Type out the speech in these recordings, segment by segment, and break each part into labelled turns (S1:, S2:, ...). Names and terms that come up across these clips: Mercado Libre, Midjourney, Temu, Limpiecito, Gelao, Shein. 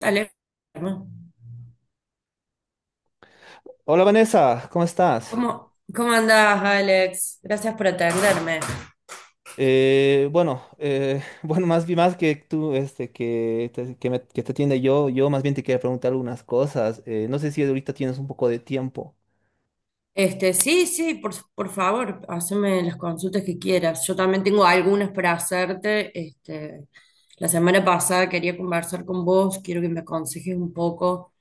S1: Alex,
S2: Hola Vanessa, ¿cómo estás?
S1: ¿Cómo andás, Alex? Gracias por atenderme.
S2: Bueno, bueno, más bien más que tú, este, que te atiende yo más bien te quería preguntar algunas cosas. No sé si ahorita tienes un poco de tiempo.
S1: Este, sí, por favor, haceme las consultas que quieras. Yo también tengo algunas para hacerte. Este, la semana pasada quería conversar con vos, quiero que me aconsejes un poco,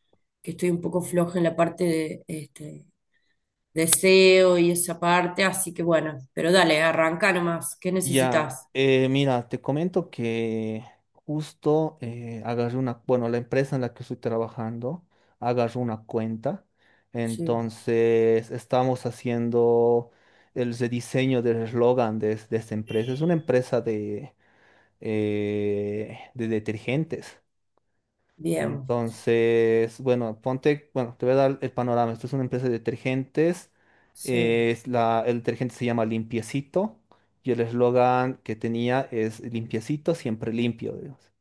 S1: que estoy un poco floja en la parte de este, deseo y esa parte, así que bueno, pero dale, arranca nomás. ¿Qué
S2: Ya,
S1: necesitas?
S2: mira, te comento que justo agarré una, bueno, la empresa en la que estoy trabajando agarró una cuenta.
S1: Sí,
S2: Entonces, estamos haciendo el rediseño del eslogan de esta empresa. Es una empresa de detergentes.
S1: bien,
S2: Entonces, bueno, ponte, bueno, te voy a dar el panorama. Esto es una empresa de detergentes.
S1: sí,
S2: Es la, el detergente se llama Limpiecito y el eslogan que tenía es Limpiecito, siempre limpio, digamos.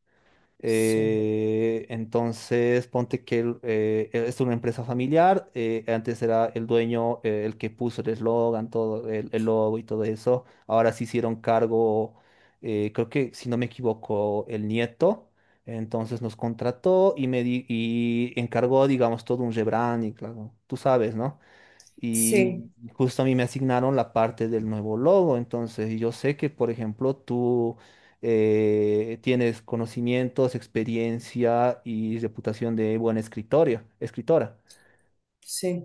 S1: sí.
S2: Entonces, ponte que es una empresa familiar. Antes era el dueño, el que puso el eslogan, todo el logo y todo eso. Ahora se hicieron cargo, creo que si no me equivoco, el nieto. Entonces nos contrató y y encargó, digamos, todo un rebranding, claro. Tú sabes, ¿no?
S1: Sí.
S2: Y justo a mí me asignaron la parte del nuevo logo. Entonces, y yo sé que, por ejemplo, tú tienes conocimientos, experiencia y reputación de buena escritoria, escritora.
S1: Sí.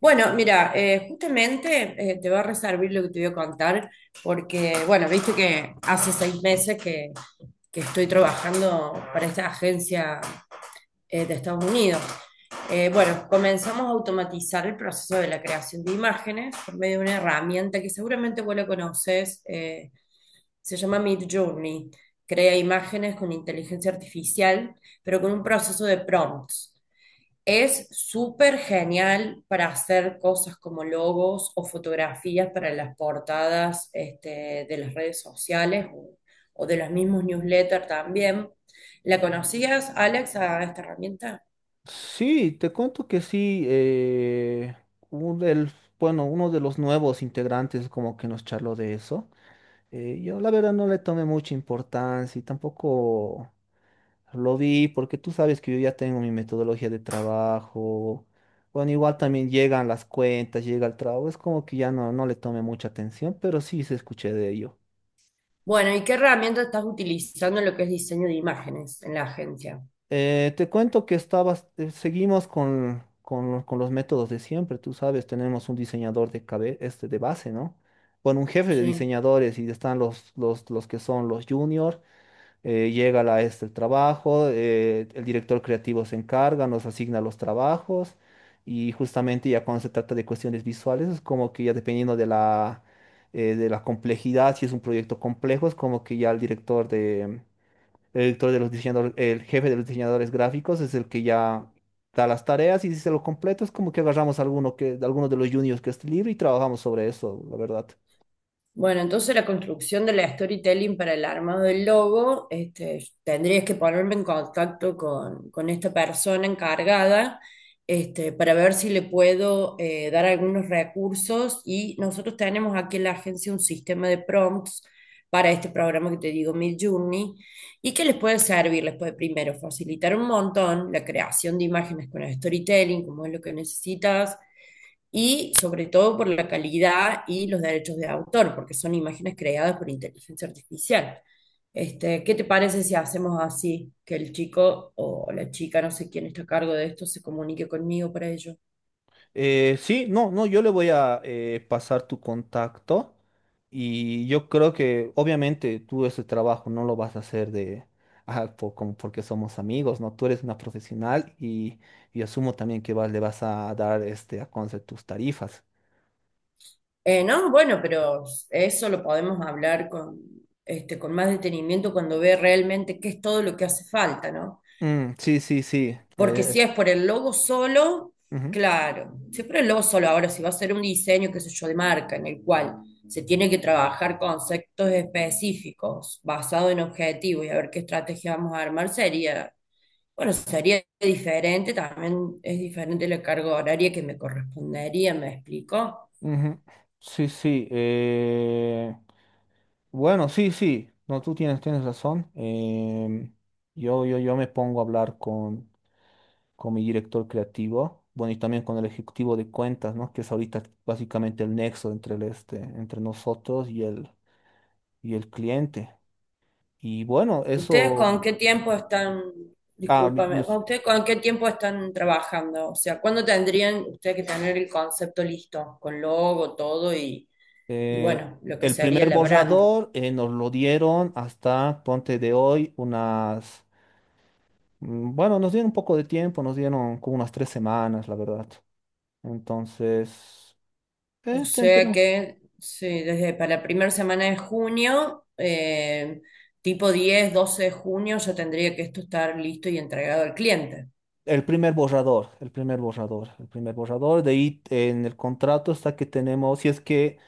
S1: Bueno, mira, justamente te va a reservar lo que te voy a contar, porque, bueno, viste que hace seis meses que estoy trabajando para esta agencia de Estados Unidos. Bueno, comenzamos a automatizar el proceso de la creación de imágenes por medio de una herramienta que seguramente vos la conoces, se llama Midjourney. Crea imágenes con inteligencia artificial, pero con un proceso de prompts. Es súper genial para hacer cosas como logos o fotografías para las portadas este, de las redes sociales o de los mismos newsletters también. ¿La conocías, Alex, a esta herramienta?
S2: Sí, te cuento que sí. Un- el- bueno, uno de los nuevos integrantes como que nos charló de eso. Yo la verdad no le tomé mucha importancia y tampoco. Lo vi porque tú sabes que yo ya tengo mi metodología de trabajo. Bueno, igual también llegan las cuentas, llega el trabajo. Es como que ya no le tomé mucha atención, pero sí se escuché de ello.
S1: Bueno, ¿y qué herramienta estás utilizando en lo que es diseño de imágenes en la agencia?
S2: Te cuento que estabas, seguimos con los métodos de siempre. Tú sabes, tenemos un diseñador este de base, ¿no? Bueno, un jefe de
S1: Sí.
S2: diseñadores y están los que son los juniors. Llega la este el trabajo, el director creativo se encarga, nos asigna los trabajos y justamente ya cuando se trata de cuestiones visuales es como que ya dependiendo de la complejidad. Si es un proyecto complejo, es como que ya el director de los diseñadores, el jefe de los diseñadores gráficos es el que ya da las tareas, y si se lo completo es como que agarramos alguno de los juniors que esté libre y trabajamos sobre eso, la verdad.
S1: Bueno, entonces la construcción de la storytelling para el armado del logo, este, tendrías que ponerme en contacto con esta persona encargada, este, para ver si le puedo dar algunos recursos y nosotros tenemos aquí en la agencia un sistema de prompts para este programa que te digo, Midjourney, y que les puede servir, les puede primero facilitar un montón la creación de imágenes con el storytelling, como es lo que necesitas y sobre todo por la calidad y los derechos de autor, porque son imágenes creadas por inteligencia artificial. Este, ¿qué te parece si hacemos así, que el chico o la chica, no sé quién está a cargo de esto, se comunique conmigo para ello?
S2: Sí, no, no, yo le voy a pasar tu contacto y yo creo que obviamente tú ese trabajo no lo vas a hacer de, como porque somos amigos, ¿no? Tú eres una profesional y asumo también que le vas a dar este, a conocer tus tarifas.
S1: No, bueno, pero eso lo podemos hablar con, este, con más detenimiento cuando ve realmente qué es todo lo que hace falta, ¿no?
S2: Mm, sí.
S1: Porque si es por el logo solo,
S2: Ujú.
S1: claro, si es por el logo solo, ahora si va a ser un diseño, qué sé yo, de marca, en el cual se tiene que trabajar conceptos específicos basados en objetivos y a ver qué estrategia vamos a armar, sería, bueno, sería diferente, también es diferente la carga horaria que me correspondería, ¿me explico?
S2: Ujú. Sí. Bueno, sí. No, tú tienes, tienes razón. Yo me pongo a hablar con mi director creativo, bueno, y también con el ejecutivo de cuentas, ¿no? Que es ahorita básicamente el nexo entre entre nosotros y y el cliente. Y bueno,
S1: ¿Ustedes con
S2: eso,
S1: qué tiempo están,
S2: ah, mi-
S1: discúlpame, con
S2: nos-
S1: ustedes con qué tiempo están trabajando? O sea, ¿cuándo tendrían ustedes que tener el concepto listo, con logo, todo y
S2: eh,
S1: bueno, lo que
S2: el
S1: sería
S2: primer
S1: la brand?
S2: borrador, nos lo dieron hasta, ponte de hoy, unas. Mm, bueno, nos dieron un poco de tiempo, nos dieron como unas 3 semanas, la verdad. Entonces,
S1: O sea
S2: tenemos
S1: que, sí, desde para la primera semana de junio, tipo 10 12 de junio, ya tendría que esto estar listo y entregado al cliente.
S2: el primer borrador, De ahí, en el contrato está que tenemos, si es que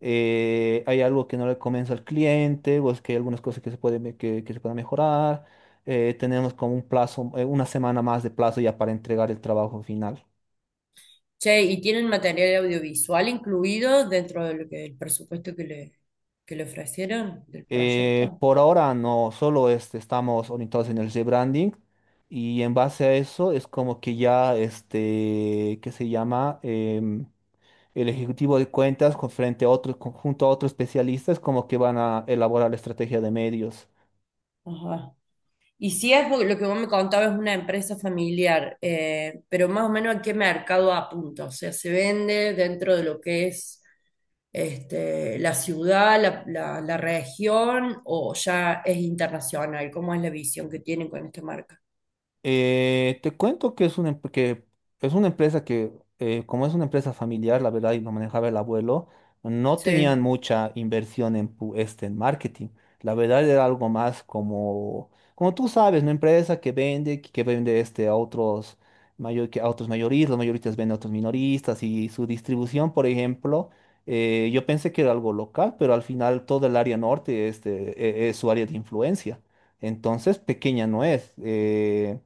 S2: hay algo que no le convence al cliente, o es que hay algunas cosas que que se puedan mejorar, tenemos como un plazo, una semana más de plazo ya para entregar el trabajo final.
S1: Che, ¿y tienen material audiovisual incluido dentro de lo que, el presupuesto que le ofrecieron del proyecto?
S2: Por ahora no, solo este, estamos orientados en el rebranding y en base a eso es como que ya, este, ¿qué se llama? El ejecutivo de cuentas con frente a otro, conjunto a otros especialistas como que van a elaborar la estrategia de medios.
S1: Ajá. Y si es porque lo que vos me contabas es una empresa familiar, pero más o menos a qué mercado apunta, o sea, se vende dentro de lo que es este, la ciudad, la- la región, o ya es internacional, ¿cómo es la visión que tienen con esta marca?
S2: Te cuento que es una, em- que es una empresa que, como es una empresa familiar, la verdad, y lo manejaba el abuelo, no tenían
S1: Sí,
S2: mucha inversión este, en marketing. La verdad era algo más como, como tú sabes, una empresa que vende, que vende este, a otros, mayor, que a otros mayoristas, los mayoristas venden a otros minoristas y su distribución. Por ejemplo, yo pensé que era algo local, pero al final todo el área norte este, es su área de influencia. Entonces, pequeña no es.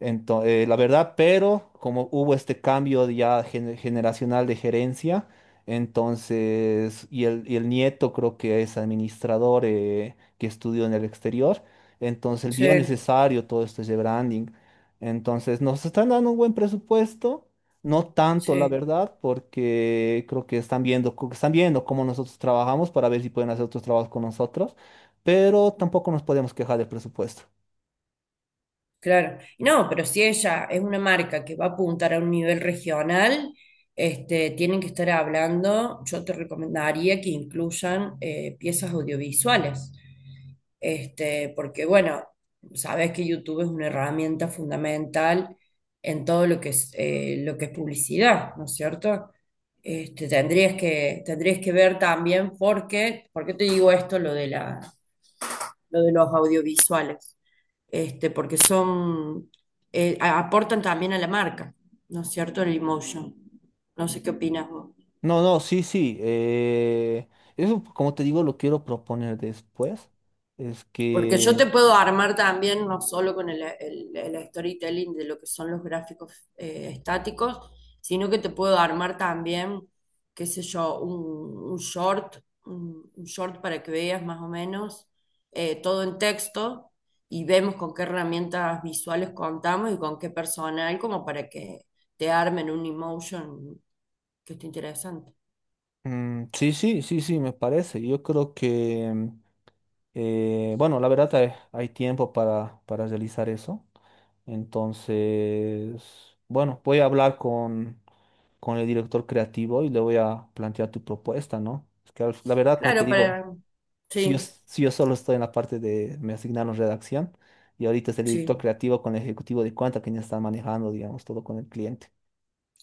S2: Entonces, la verdad, pero como hubo este cambio de ya generacional de gerencia, entonces, y el nieto creo que es administrador, que estudió en el exterior, entonces él vio
S1: sí,
S2: necesario todo esto de branding. Entonces, nos están dando un buen presupuesto, no tanto, la
S1: sí.
S2: verdad, porque creo que están viendo, están viendo cómo nosotros trabajamos para ver si pueden hacer otros trabajos con nosotros, pero tampoco nos podemos quejar del presupuesto.
S1: Claro. No, pero si ella es una marca que va a apuntar a un nivel regional, este, tienen que estar hablando, yo te recomendaría que incluyan piezas audiovisuales. Este, porque bueno, sabes que YouTube es una herramienta fundamental en todo lo que es publicidad, ¿no es cierto? Este, tendrías que ver también por qué te digo esto, lo de la, lo de los audiovisuales, este, porque son, aportan también a la marca, ¿no es cierto? El emotion. No sé qué opinas vos.
S2: No, no, sí, sí. Eso, como te digo, lo quiero proponer después. Es
S1: Porque yo
S2: que,
S1: te puedo armar también, no solo con el storytelling de lo que son los gráficos estáticos, sino que te puedo armar también, qué sé yo, un short para que veas más o menos todo en texto y vemos con qué herramientas visuales contamos y con qué personal, como para que te armen un emotion que esté interesante.
S2: mm, sí, me parece. Yo creo que, mm, bueno, la verdad hay, hay tiempo para realizar eso. Entonces, bueno, voy a hablar con el director creativo y le voy a plantear tu propuesta, ¿no? Es que la verdad, como te
S1: Claro, para...
S2: digo,
S1: Sí,
S2: si yo solo estoy en la parte de, me asignaron redacción, y ahorita es el director
S1: sí.
S2: creativo con el ejecutivo de cuenta quien está manejando, digamos, todo con el cliente.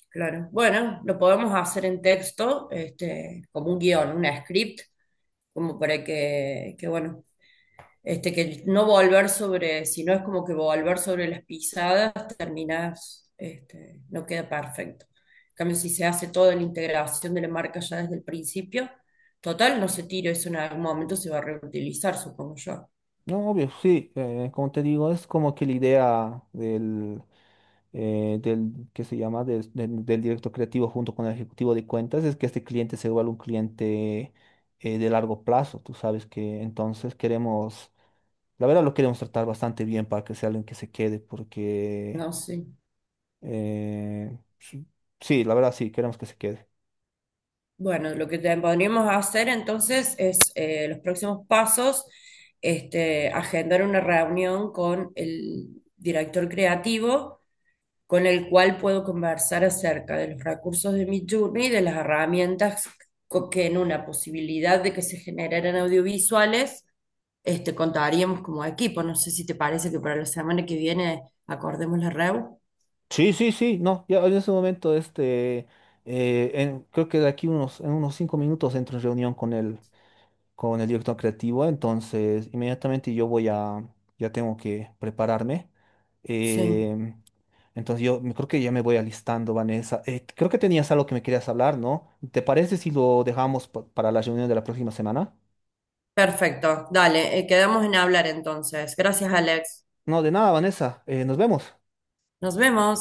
S1: Claro. Bueno, lo podemos hacer en texto, este, como un guión, una script, como para que bueno, este, que no volver sobre, si no es como que volver sobre las pisadas, terminas, este, no queda perfecto. En cambio, si se hace toda la integración de la marca ya desde el principio, total, no se tira, eso en algún momento se va a reutilizar, supongo yo.
S2: No, obvio, sí, como te digo, es como que la idea del, del que se llama, Des- del, del director creativo junto con el ejecutivo de cuentas es que este cliente se vuelva un cliente de largo plazo. Tú sabes que entonces queremos, la verdad lo queremos tratar bastante bien para que sea alguien que se quede, porque...
S1: No sé.
S2: Eh, s- sí, la verdad sí, queremos que se quede.
S1: Bueno, lo que te- podríamos hacer entonces es los próximos pasos, este, agendar una reunión con el director creativo, con el cual puedo conversar acerca de los recursos de Midjourney y de las herramientas co- que en una posibilidad de que se generaran audiovisuales, este, contaríamos como equipo. No sé si te parece que para la semana que viene acordemos la REU.
S2: Sí, no, ya en ese momento, este, creo que de aquí en unos 5 minutos entro en reunión con el director creativo, entonces inmediatamente yo voy a, ya tengo que prepararme.
S1: Sí,
S2: eh, entonces yo creo que ya me voy alistando, Vanessa. Creo que tenías algo que me querías hablar, ¿no? ¿Te parece si lo dejamos para la reunión de la próxima semana?
S1: perfecto. Dale, quedamos en hablar entonces. Gracias, Alex.
S2: No, de nada, Vanessa, nos vemos.
S1: Nos vemos.